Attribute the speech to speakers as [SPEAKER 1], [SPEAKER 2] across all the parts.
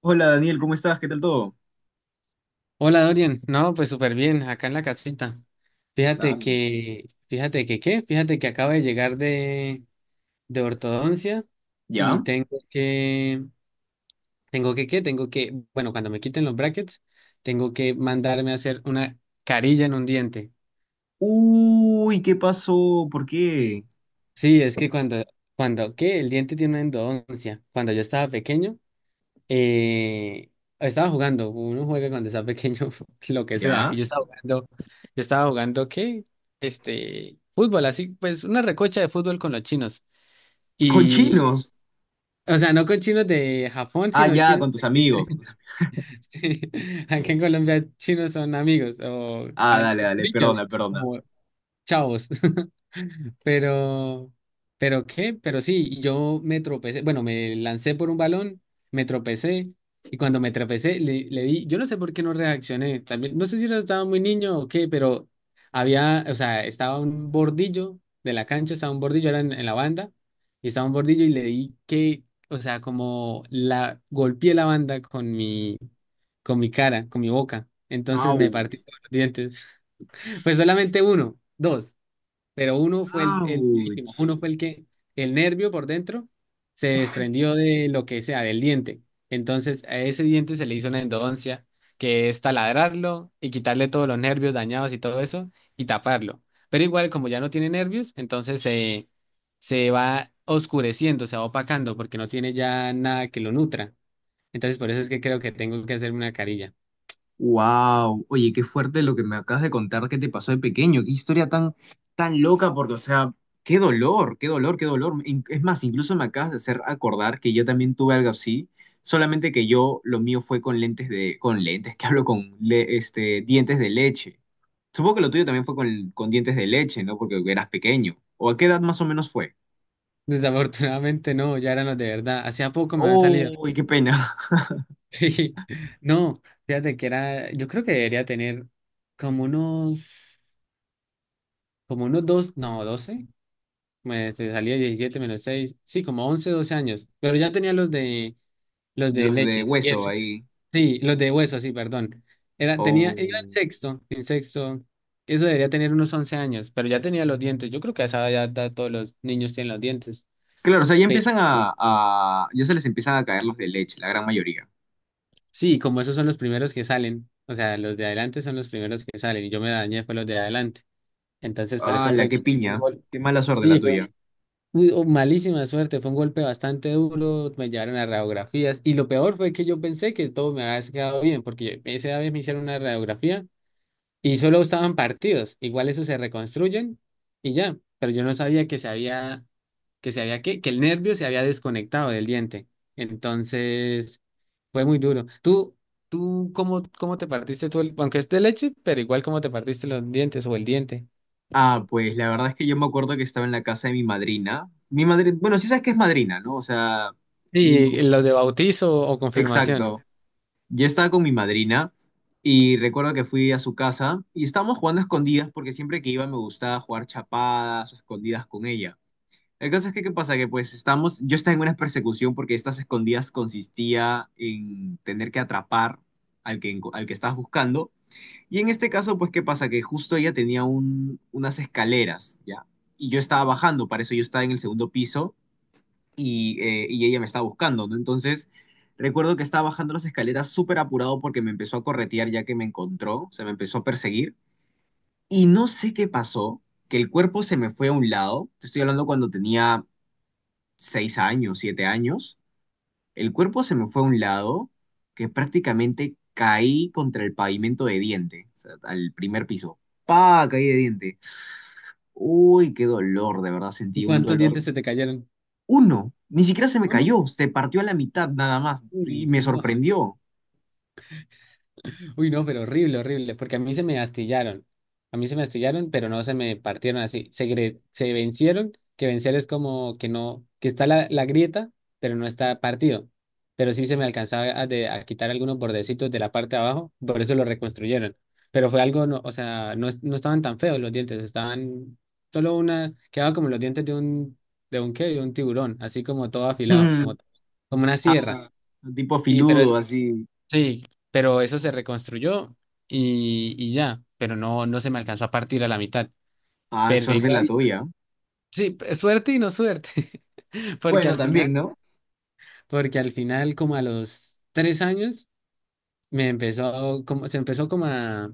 [SPEAKER 1] Hola Daniel, ¿cómo estás? ¿Qué tal todo?
[SPEAKER 2] Hola Dorian, no, pues súper bien, acá en la casita.
[SPEAKER 1] Nada,
[SPEAKER 2] Fíjate
[SPEAKER 1] no.
[SPEAKER 2] que, fíjate que qué, fíjate que acabo de llegar de ortodoncia y
[SPEAKER 1] ¿Ya?
[SPEAKER 2] tengo que qué, tengo que, bueno, cuando me quiten los brackets, tengo que mandarme a hacer una carilla en un diente.
[SPEAKER 1] Uy, ¿qué pasó? ¿Por qué?
[SPEAKER 2] Sí, es que cuando, cuando, ¿qué? El diente tiene una endodoncia. Cuando yo estaba pequeño, eh, estaba jugando, uno juega cuando está pequeño, lo que sea,
[SPEAKER 1] ¿Ya?
[SPEAKER 2] y yo estaba jugando, ¿qué? Este, fútbol, así, pues una recocha de fútbol con los chinos,
[SPEAKER 1] ¿Con
[SPEAKER 2] y,
[SPEAKER 1] chinos?
[SPEAKER 2] o sea, no con chinos de Japón,
[SPEAKER 1] Ah,
[SPEAKER 2] sino
[SPEAKER 1] ya,
[SPEAKER 2] chinos,
[SPEAKER 1] con tus amigos, con
[SPEAKER 2] de-
[SPEAKER 1] tus-
[SPEAKER 2] sí, aquí en Colombia chinos son amigos, o
[SPEAKER 1] Ah,
[SPEAKER 2] ah,
[SPEAKER 1] dale,
[SPEAKER 2] con
[SPEAKER 1] dale,
[SPEAKER 2] niños,
[SPEAKER 1] perdona, perdona.
[SPEAKER 2] como chavos. Pero, pero sí, yo me tropecé, bueno, me lancé por un balón, me tropecé y cuando me tropecé le di. Yo no sé por qué no reaccioné, también, no sé si estaba muy niño o qué, pero había, o sea, estaba un bordillo de la cancha, estaba un bordillo, era en, la banda, y estaba un bordillo y le di que, o sea, como la, golpeé la banda con mi cara, con mi boca. Entonces
[SPEAKER 1] Au.
[SPEAKER 2] me partí todos los dientes, pues solamente uno, dos, pero uno fue el
[SPEAKER 1] Ouch.
[SPEAKER 2] durísimo. Uno fue el que el nervio por dentro se desprendió de lo que sea, del diente. Entonces a ese diente se le hizo una endodoncia, que es taladrarlo y quitarle todos los nervios dañados y todo eso y taparlo. Pero igual como ya no tiene nervios, entonces se va oscureciendo, se va opacando porque no tiene ya nada que lo nutra. Entonces por eso es que creo que tengo que hacerme una carilla.
[SPEAKER 1] Wow, oye, qué fuerte lo que me acabas de contar que te pasó de pequeño, qué historia tan, tan loca, porque, o sea, qué dolor, qué dolor, qué dolor. In- es más, incluso me acabas de hacer acordar que yo también tuve algo así, solamente que yo, lo mío fue con lentes de, con lentes, que hablo con le- dientes de leche. Supongo que lo tuyo también fue con dientes de leche, ¿no? Porque eras pequeño. ¿O a qué edad más o menos fue?
[SPEAKER 2] Desafortunadamente no, ya eran los de verdad. Hacía poco me han salido.
[SPEAKER 1] Oh, qué pena.
[SPEAKER 2] Sí, no, fíjate que era, yo creo que debería tener como unos, como unos dos, no, 12, me se salía 17 menos seis, sí, como 11 12 años, pero ya tenía los de, los de
[SPEAKER 1] Los de
[SPEAKER 2] leche, y
[SPEAKER 1] hueso
[SPEAKER 2] eso,
[SPEAKER 1] ahí.
[SPEAKER 2] sí, los de hueso, sí, perdón, era, tenía, iba en
[SPEAKER 1] Oh.
[SPEAKER 2] sexto, eso debería tener unos 11 años, pero ya tenía los dientes. Yo creo que a esa edad ya todos los niños tienen los dientes,
[SPEAKER 1] Claro, o sea, ya
[SPEAKER 2] pero
[SPEAKER 1] empiezan a- ya se les empiezan a caer los de leche, la gran mayoría.
[SPEAKER 2] sí, como esos son los primeros que salen, o sea, los de adelante son los primeros que salen, y yo me dañé fue los de adelante. Entonces, por
[SPEAKER 1] Ah,
[SPEAKER 2] eso
[SPEAKER 1] la
[SPEAKER 2] fue
[SPEAKER 1] qué
[SPEAKER 2] que fue un
[SPEAKER 1] piña.
[SPEAKER 2] gol.
[SPEAKER 1] Qué mala suerte la
[SPEAKER 2] Sí,
[SPEAKER 1] tuya.
[SPEAKER 2] malísima suerte, fue un golpe bastante duro. Me llevaron a radiografías y lo peor fue que yo pensé que todo me había quedado bien, porque esa vez me hicieron una radiografía y solo estaban partidos, igual eso se reconstruyen y ya, pero yo no sabía que se había, que el nervio se había desconectado del diente. Entonces, fue muy duro. ¿Tú cómo, cómo te partiste tú, aunque es de leche, pero igual cómo te partiste los dientes o el diente?
[SPEAKER 1] Ah, pues la verdad es que yo me acuerdo que estaba en la casa de mi madrina. Mi madrina... Bueno, sí sabes que es madrina, ¿no? O sea...
[SPEAKER 2] Sí,
[SPEAKER 1] un-
[SPEAKER 2] lo de bautizo o confirmación.
[SPEAKER 1] Exacto. Yo estaba con mi madrina y recuerdo que fui a su casa y estábamos jugando a escondidas porque siempre que iba me gustaba jugar chapadas o escondidas con ella. El caso es que, ¿qué pasa? Que pues estamos, yo estaba en una persecución porque estas escondidas consistía en tener que atrapar al que, enco- al que estabas buscando. Y en este caso, pues, ¿qué pasa? Que justo ella tenía un- unas escaleras, ¿ya? Y yo estaba bajando, para eso yo estaba en el segundo piso y ella me estaba buscando, ¿no? Entonces, recuerdo que estaba bajando las escaleras súper apurado porque me empezó a corretear ya que me encontró, o sea, me empezó a perseguir. Y no sé qué pasó, que el cuerpo se me fue a un lado. Te estoy hablando cuando tenía 6 años, 7 años, el cuerpo se me fue a un lado que prácticamente caí contra el pavimento de diente, o sea, al primer piso. ¡Pa! Caí de diente. Uy, qué dolor, de verdad
[SPEAKER 2] ¿Y
[SPEAKER 1] sentí un
[SPEAKER 2] ¿Cuántos
[SPEAKER 1] dolor.
[SPEAKER 2] dientes se te cayeron?
[SPEAKER 1] Uno, ni siquiera se me
[SPEAKER 2] Uno.
[SPEAKER 1] cayó, se partió a la mitad nada más y
[SPEAKER 2] Uy,
[SPEAKER 1] me
[SPEAKER 2] no.
[SPEAKER 1] sorprendió.
[SPEAKER 2] Uy, no, pero horrible, horrible, porque a mí se me astillaron. A mí se me astillaron, pero no se me partieron así. Se vencieron, que vencer es como que no, que está la, grieta, pero no está partido. Pero sí se me alcanzaba a, a quitar algunos bordecitos de la parte de abajo, por eso lo reconstruyeron. Pero fue algo, no, o sea, no, no estaban tan feos los dientes, estaban solo una, quedaba como los dientes de un, de un tiburón, así como todo afilado,
[SPEAKER 1] Mm,
[SPEAKER 2] como una sierra.
[SPEAKER 1] ah, tipo filudo, así.
[SPEAKER 2] Sí, pero eso se reconstruyó y ya, pero no, no se me alcanzó a partir a la mitad.
[SPEAKER 1] Ah,
[SPEAKER 2] Pero
[SPEAKER 1] suerte
[SPEAKER 2] igual,
[SPEAKER 1] la tuya.
[SPEAKER 2] sí, suerte y no suerte, porque
[SPEAKER 1] Bueno,
[SPEAKER 2] al
[SPEAKER 1] también,
[SPEAKER 2] final,
[SPEAKER 1] ¿no?
[SPEAKER 2] como a los 3 años, me empezó, como, se empezó como a,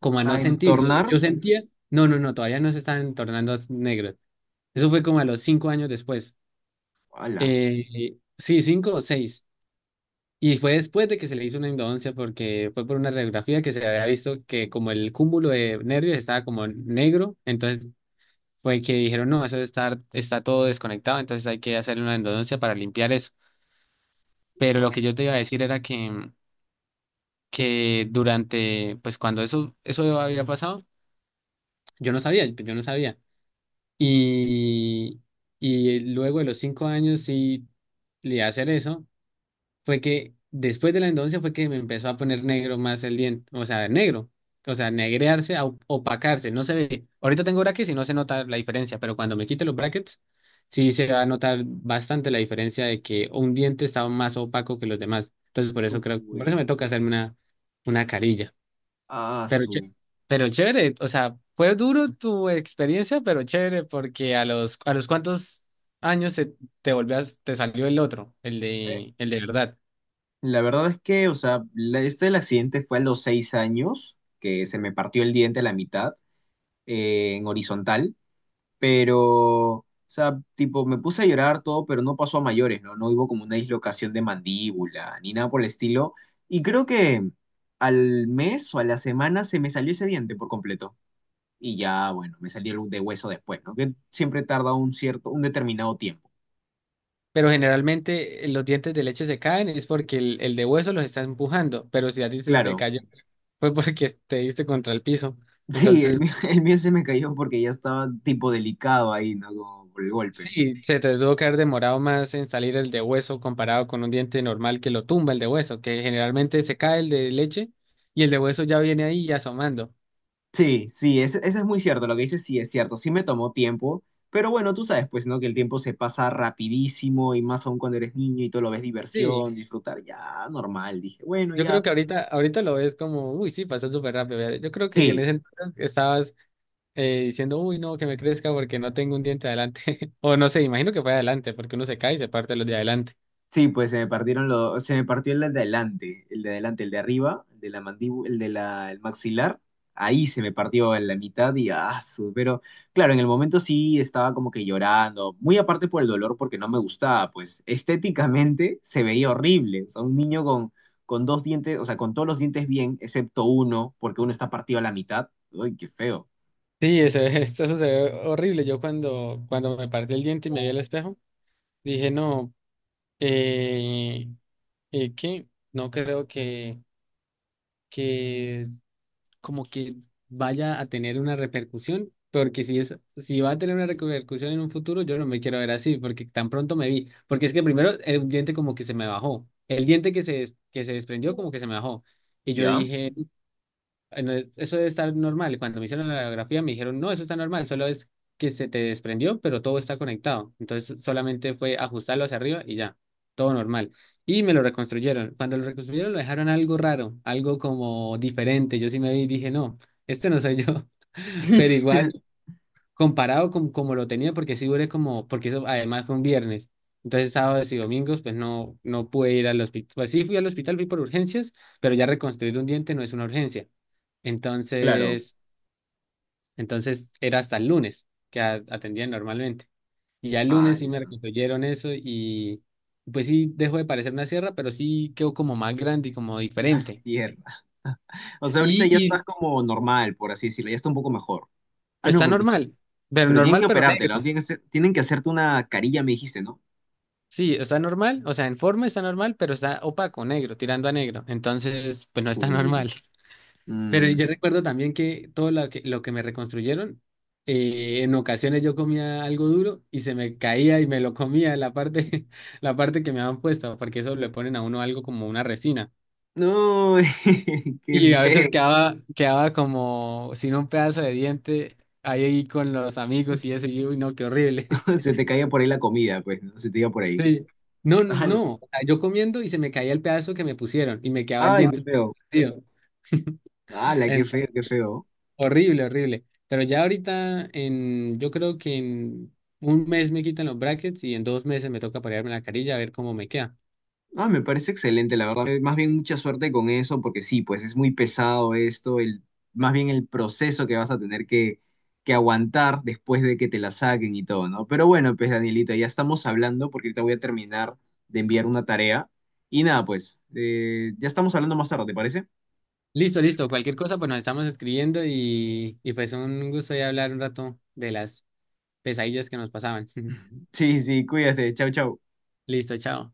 [SPEAKER 2] como a
[SPEAKER 1] A
[SPEAKER 2] no sentir. Yo,
[SPEAKER 1] entornar.
[SPEAKER 2] yo sentía, no, no, no, todavía no se estaban tornando negros. Eso fue como a los 5 años después.
[SPEAKER 1] ¡Hala!
[SPEAKER 2] Sí, 5 o 6. Y fue después de que se le hizo una endodoncia porque fue por una radiografía que se había visto que como el cúmulo de nervios estaba como negro, entonces fue que dijeron, no, eso está, todo desconectado, entonces hay que hacerle una endodoncia para limpiar eso. Pero lo que yo te iba a decir era que durante, pues cuando eso había pasado, yo no sabía, yo no sabía. Y, y luego de los 5 años sí le iba a hacer eso, fue que después de la endodoncia fue que me empezó a poner negro más el diente, o sea, negro, o sea, negrearse, a opacarse, no se ve. Ahorita tengo brackets y no se nota la diferencia, pero cuando me quite los brackets, sí se va a notar bastante la diferencia de que un diente estaba más opaco que los demás. Entonces, por eso creo, por eso me
[SPEAKER 1] Uy,
[SPEAKER 2] toca hacerme una, carilla.
[SPEAKER 1] ah,
[SPEAKER 2] Pero, ché-
[SPEAKER 1] su.
[SPEAKER 2] pero chévere, o sea, fue duro tu experiencia, pero chévere, porque a los cuantos años te volvías, te salió el otro, el de verdad.
[SPEAKER 1] La verdad es que, o sea, la- esto del accidente fue a los 6 años, que se me partió el diente a la mitad, en horizontal, pero, o sea, tipo, me puse a llorar todo, pero no pasó a mayores, ¿no? No hubo como una dislocación de mandíbula, ni nada por el estilo. Y creo que al mes o a la semana se me salió ese diente por completo. Y ya, bueno, me salió el de hueso después, ¿no? Que siempre tarda un cierto, un determinado tiempo.
[SPEAKER 2] Pero generalmente los dientes de leche se caen es porque el de hueso los está empujando, pero si a ti se te
[SPEAKER 1] Claro.
[SPEAKER 2] cayó fue porque te diste contra el piso.
[SPEAKER 1] Sí,
[SPEAKER 2] Entonces,
[SPEAKER 1] el mío se me cayó porque ya estaba tipo delicado ahí, ¿no? Como por el golpe.
[SPEAKER 2] sí, se te tuvo que haber demorado más en salir el de hueso comparado con un diente normal que lo tumba el de hueso, que generalmente se cae el de leche y el de hueso ya viene ahí asomando.
[SPEAKER 1] Sí, sí, eso es muy cierto, lo que dices sí es cierto, sí me tomó tiempo, pero bueno, tú sabes, pues, ¿no? Que el tiempo se pasa rapidísimo y más aún cuando eres niño y tú lo ves diversión,
[SPEAKER 2] Sí,
[SPEAKER 1] disfrutar, ya, normal, dije, bueno,
[SPEAKER 2] yo creo
[SPEAKER 1] ya.
[SPEAKER 2] que ahorita lo ves como, uy, sí, pasó súper rápido. ¿Verdad? Yo creo que en
[SPEAKER 1] Sí,
[SPEAKER 2] ese entonces estabas diciendo, uy, no, que me crezca porque no tengo un diente adelante. O no sé, imagino que fue adelante, porque uno se cae y se parte los de adelante.
[SPEAKER 1] sí, pues se me partieron los, se me partió el de adelante, el de adelante, el de arriba, el de la mandíbula, el de la, el maxilar. Ahí se me partió en la mitad y ah, su- pero claro, en el momento sí estaba como que llorando, muy aparte por el dolor porque no me gustaba, pues estéticamente se veía horrible, o sea, un niño con dos dientes, o sea, con todos los dientes bien, excepto uno, porque uno está partido a la mitad. Uy, qué feo.
[SPEAKER 2] Sí, eso, eso se ve horrible. Yo cuando me partí el diente y me vi al espejo, dije, no, eh, ¿qué? no creo que como que vaya a tener una repercusión, porque si es, si va a tener una repercusión en un futuro, yo no me quiero ver así, porque tan pronto me vi, porque es que primero el diente como que se me bajó, el diente que se desprendió como que se me bajó, y yo
[SPEAKER 1] ¿Ya?
[SPEAKER 2] dije, eso debe estar normal. Cuando me hicieron la radiografía me dijeron, no, eso está normal, solo es que se te desprendió, pero todo está conectado. Entonces solamente fue ajustarlo hacia arriba y ya, todo normal. Y me lo reconstruyeron. Cuando lo reconstruyeron lo dejaron algo raro, algo como diferente. Yo sí me vi y dije, no, este no soy yo. Pero igual comparado con como lo tenía, porque sí duré como, porque eso además fue un viernes. Entonces, sábados y domingos, pues no, no pude ir al hospital. Pues sí fui al hospital, fui por urgencias, pero ya reconstruir un diente no es una urgencia.
[SPEAKER 1] Claro.
[SPEAKER 2] Entonces, entonces era hasta el lunes que atendían normalmente. Y ya el lunes sí me reconstruyeron eso y pues sí dejó de parecer una sierra, pero sí quedó como más grande y como
[SPEAKER 1] La
[SPEAKER 2] diferente.
[SPEAKER 1] sierra. O sea, ahorita
[SPEAKER 2] Y,
[SPEAKER 1] ya estás
[SPEAKER 2] y
[SPEAKER 1] como normal, por así decirlo, ya está un poco mejor. Ah, no,
[SPEAKER 2] está
[SPEAKER 1] pero tienen
[SPEAKER 2] normal
[SPEAKER 1] que
[SPEAKER 2] pero
[SPEAKER 1] operártelo, ¿no?
[SPEAKER 2] negro.
[SPEAKER 1] Tienen que hacer- tienen que hacerte una carilla, me dijiste, ¿no?
[SPEAKER 2] Sí, está normal, o sea, en forma está normal, pero está opaco, negro, tirando a negro. Entonces, pues no está
[SPEAKER 1] Uy.
[SPEAKER 2] normal. Pero
[SPEAKER 1] Mm.
[SPEAKER 2] yo recuerdo también que todo lo que me reconstruyeron, en ocasiones yo comía algo duro y se me caía y me lo comía la parte, la parte que me habían puesto, porque eso le ponen a uno algo como una resina.
[SPEAKER 1] No, qué
[SPEAKER 2] Y a veces
[SPEAKER 1] feo.
[SPEAKER 2] quedaba como sin un pedazo de diente ahí con los amigos y eso, y yo, uy, no, qué horrible.
[SPEAKER 1] Se te caía por ahí la comida, pues, ¿no? Se te iba por ahí.
[SPEAKER 2] Sí, no,
[SPEAKER 1] Ala.
[SPEAKER 2] no, o sea, yo comiendo y se me caía el pedazo que me pusieron y me quedaba el
[SPEAKER 1] Ay, qué
[SPEAKER 2] diente
[SPEAKER 1] feo.
[SPEAKER 2] partido.
[SPEAKER 1] Ala, qué
[SPEAKER 2] Ent-
[SPEAKER 1] feo, qué feo.
[SPEAKER 2] Horrible, horrible. Pero ya ahorita, en, yo creo que en un mes me quitan los brackets y en 2 meses me toca parearme la carilla a ver cómo me queda.
[SPEAKER 1] Ah, me parece excelente, la verdad. Más bien mucha suerte con eso, porque sí, pues es muy pesado esto, el, más bien el proceso que vas a tener que aguantar después de que te la saquen y todo, ¿no? Pero bueno, pues Danielita, ya estamos hablando porque ahorita voy a terminar de enviar una tarea. Y nada, pues, ya estamos hablando más tarde, ¿te parece?
[SPEAKER 2] Listo, listo, cualquier cosa, pues nos estamos escribiendo y pues un gusto ya hablar un rato de las pesadillas que nos pasaban.
[SPEAKER 1] Sí, sí, cuídate, chau, chau.
[SPEAKER 2] Listo, chao.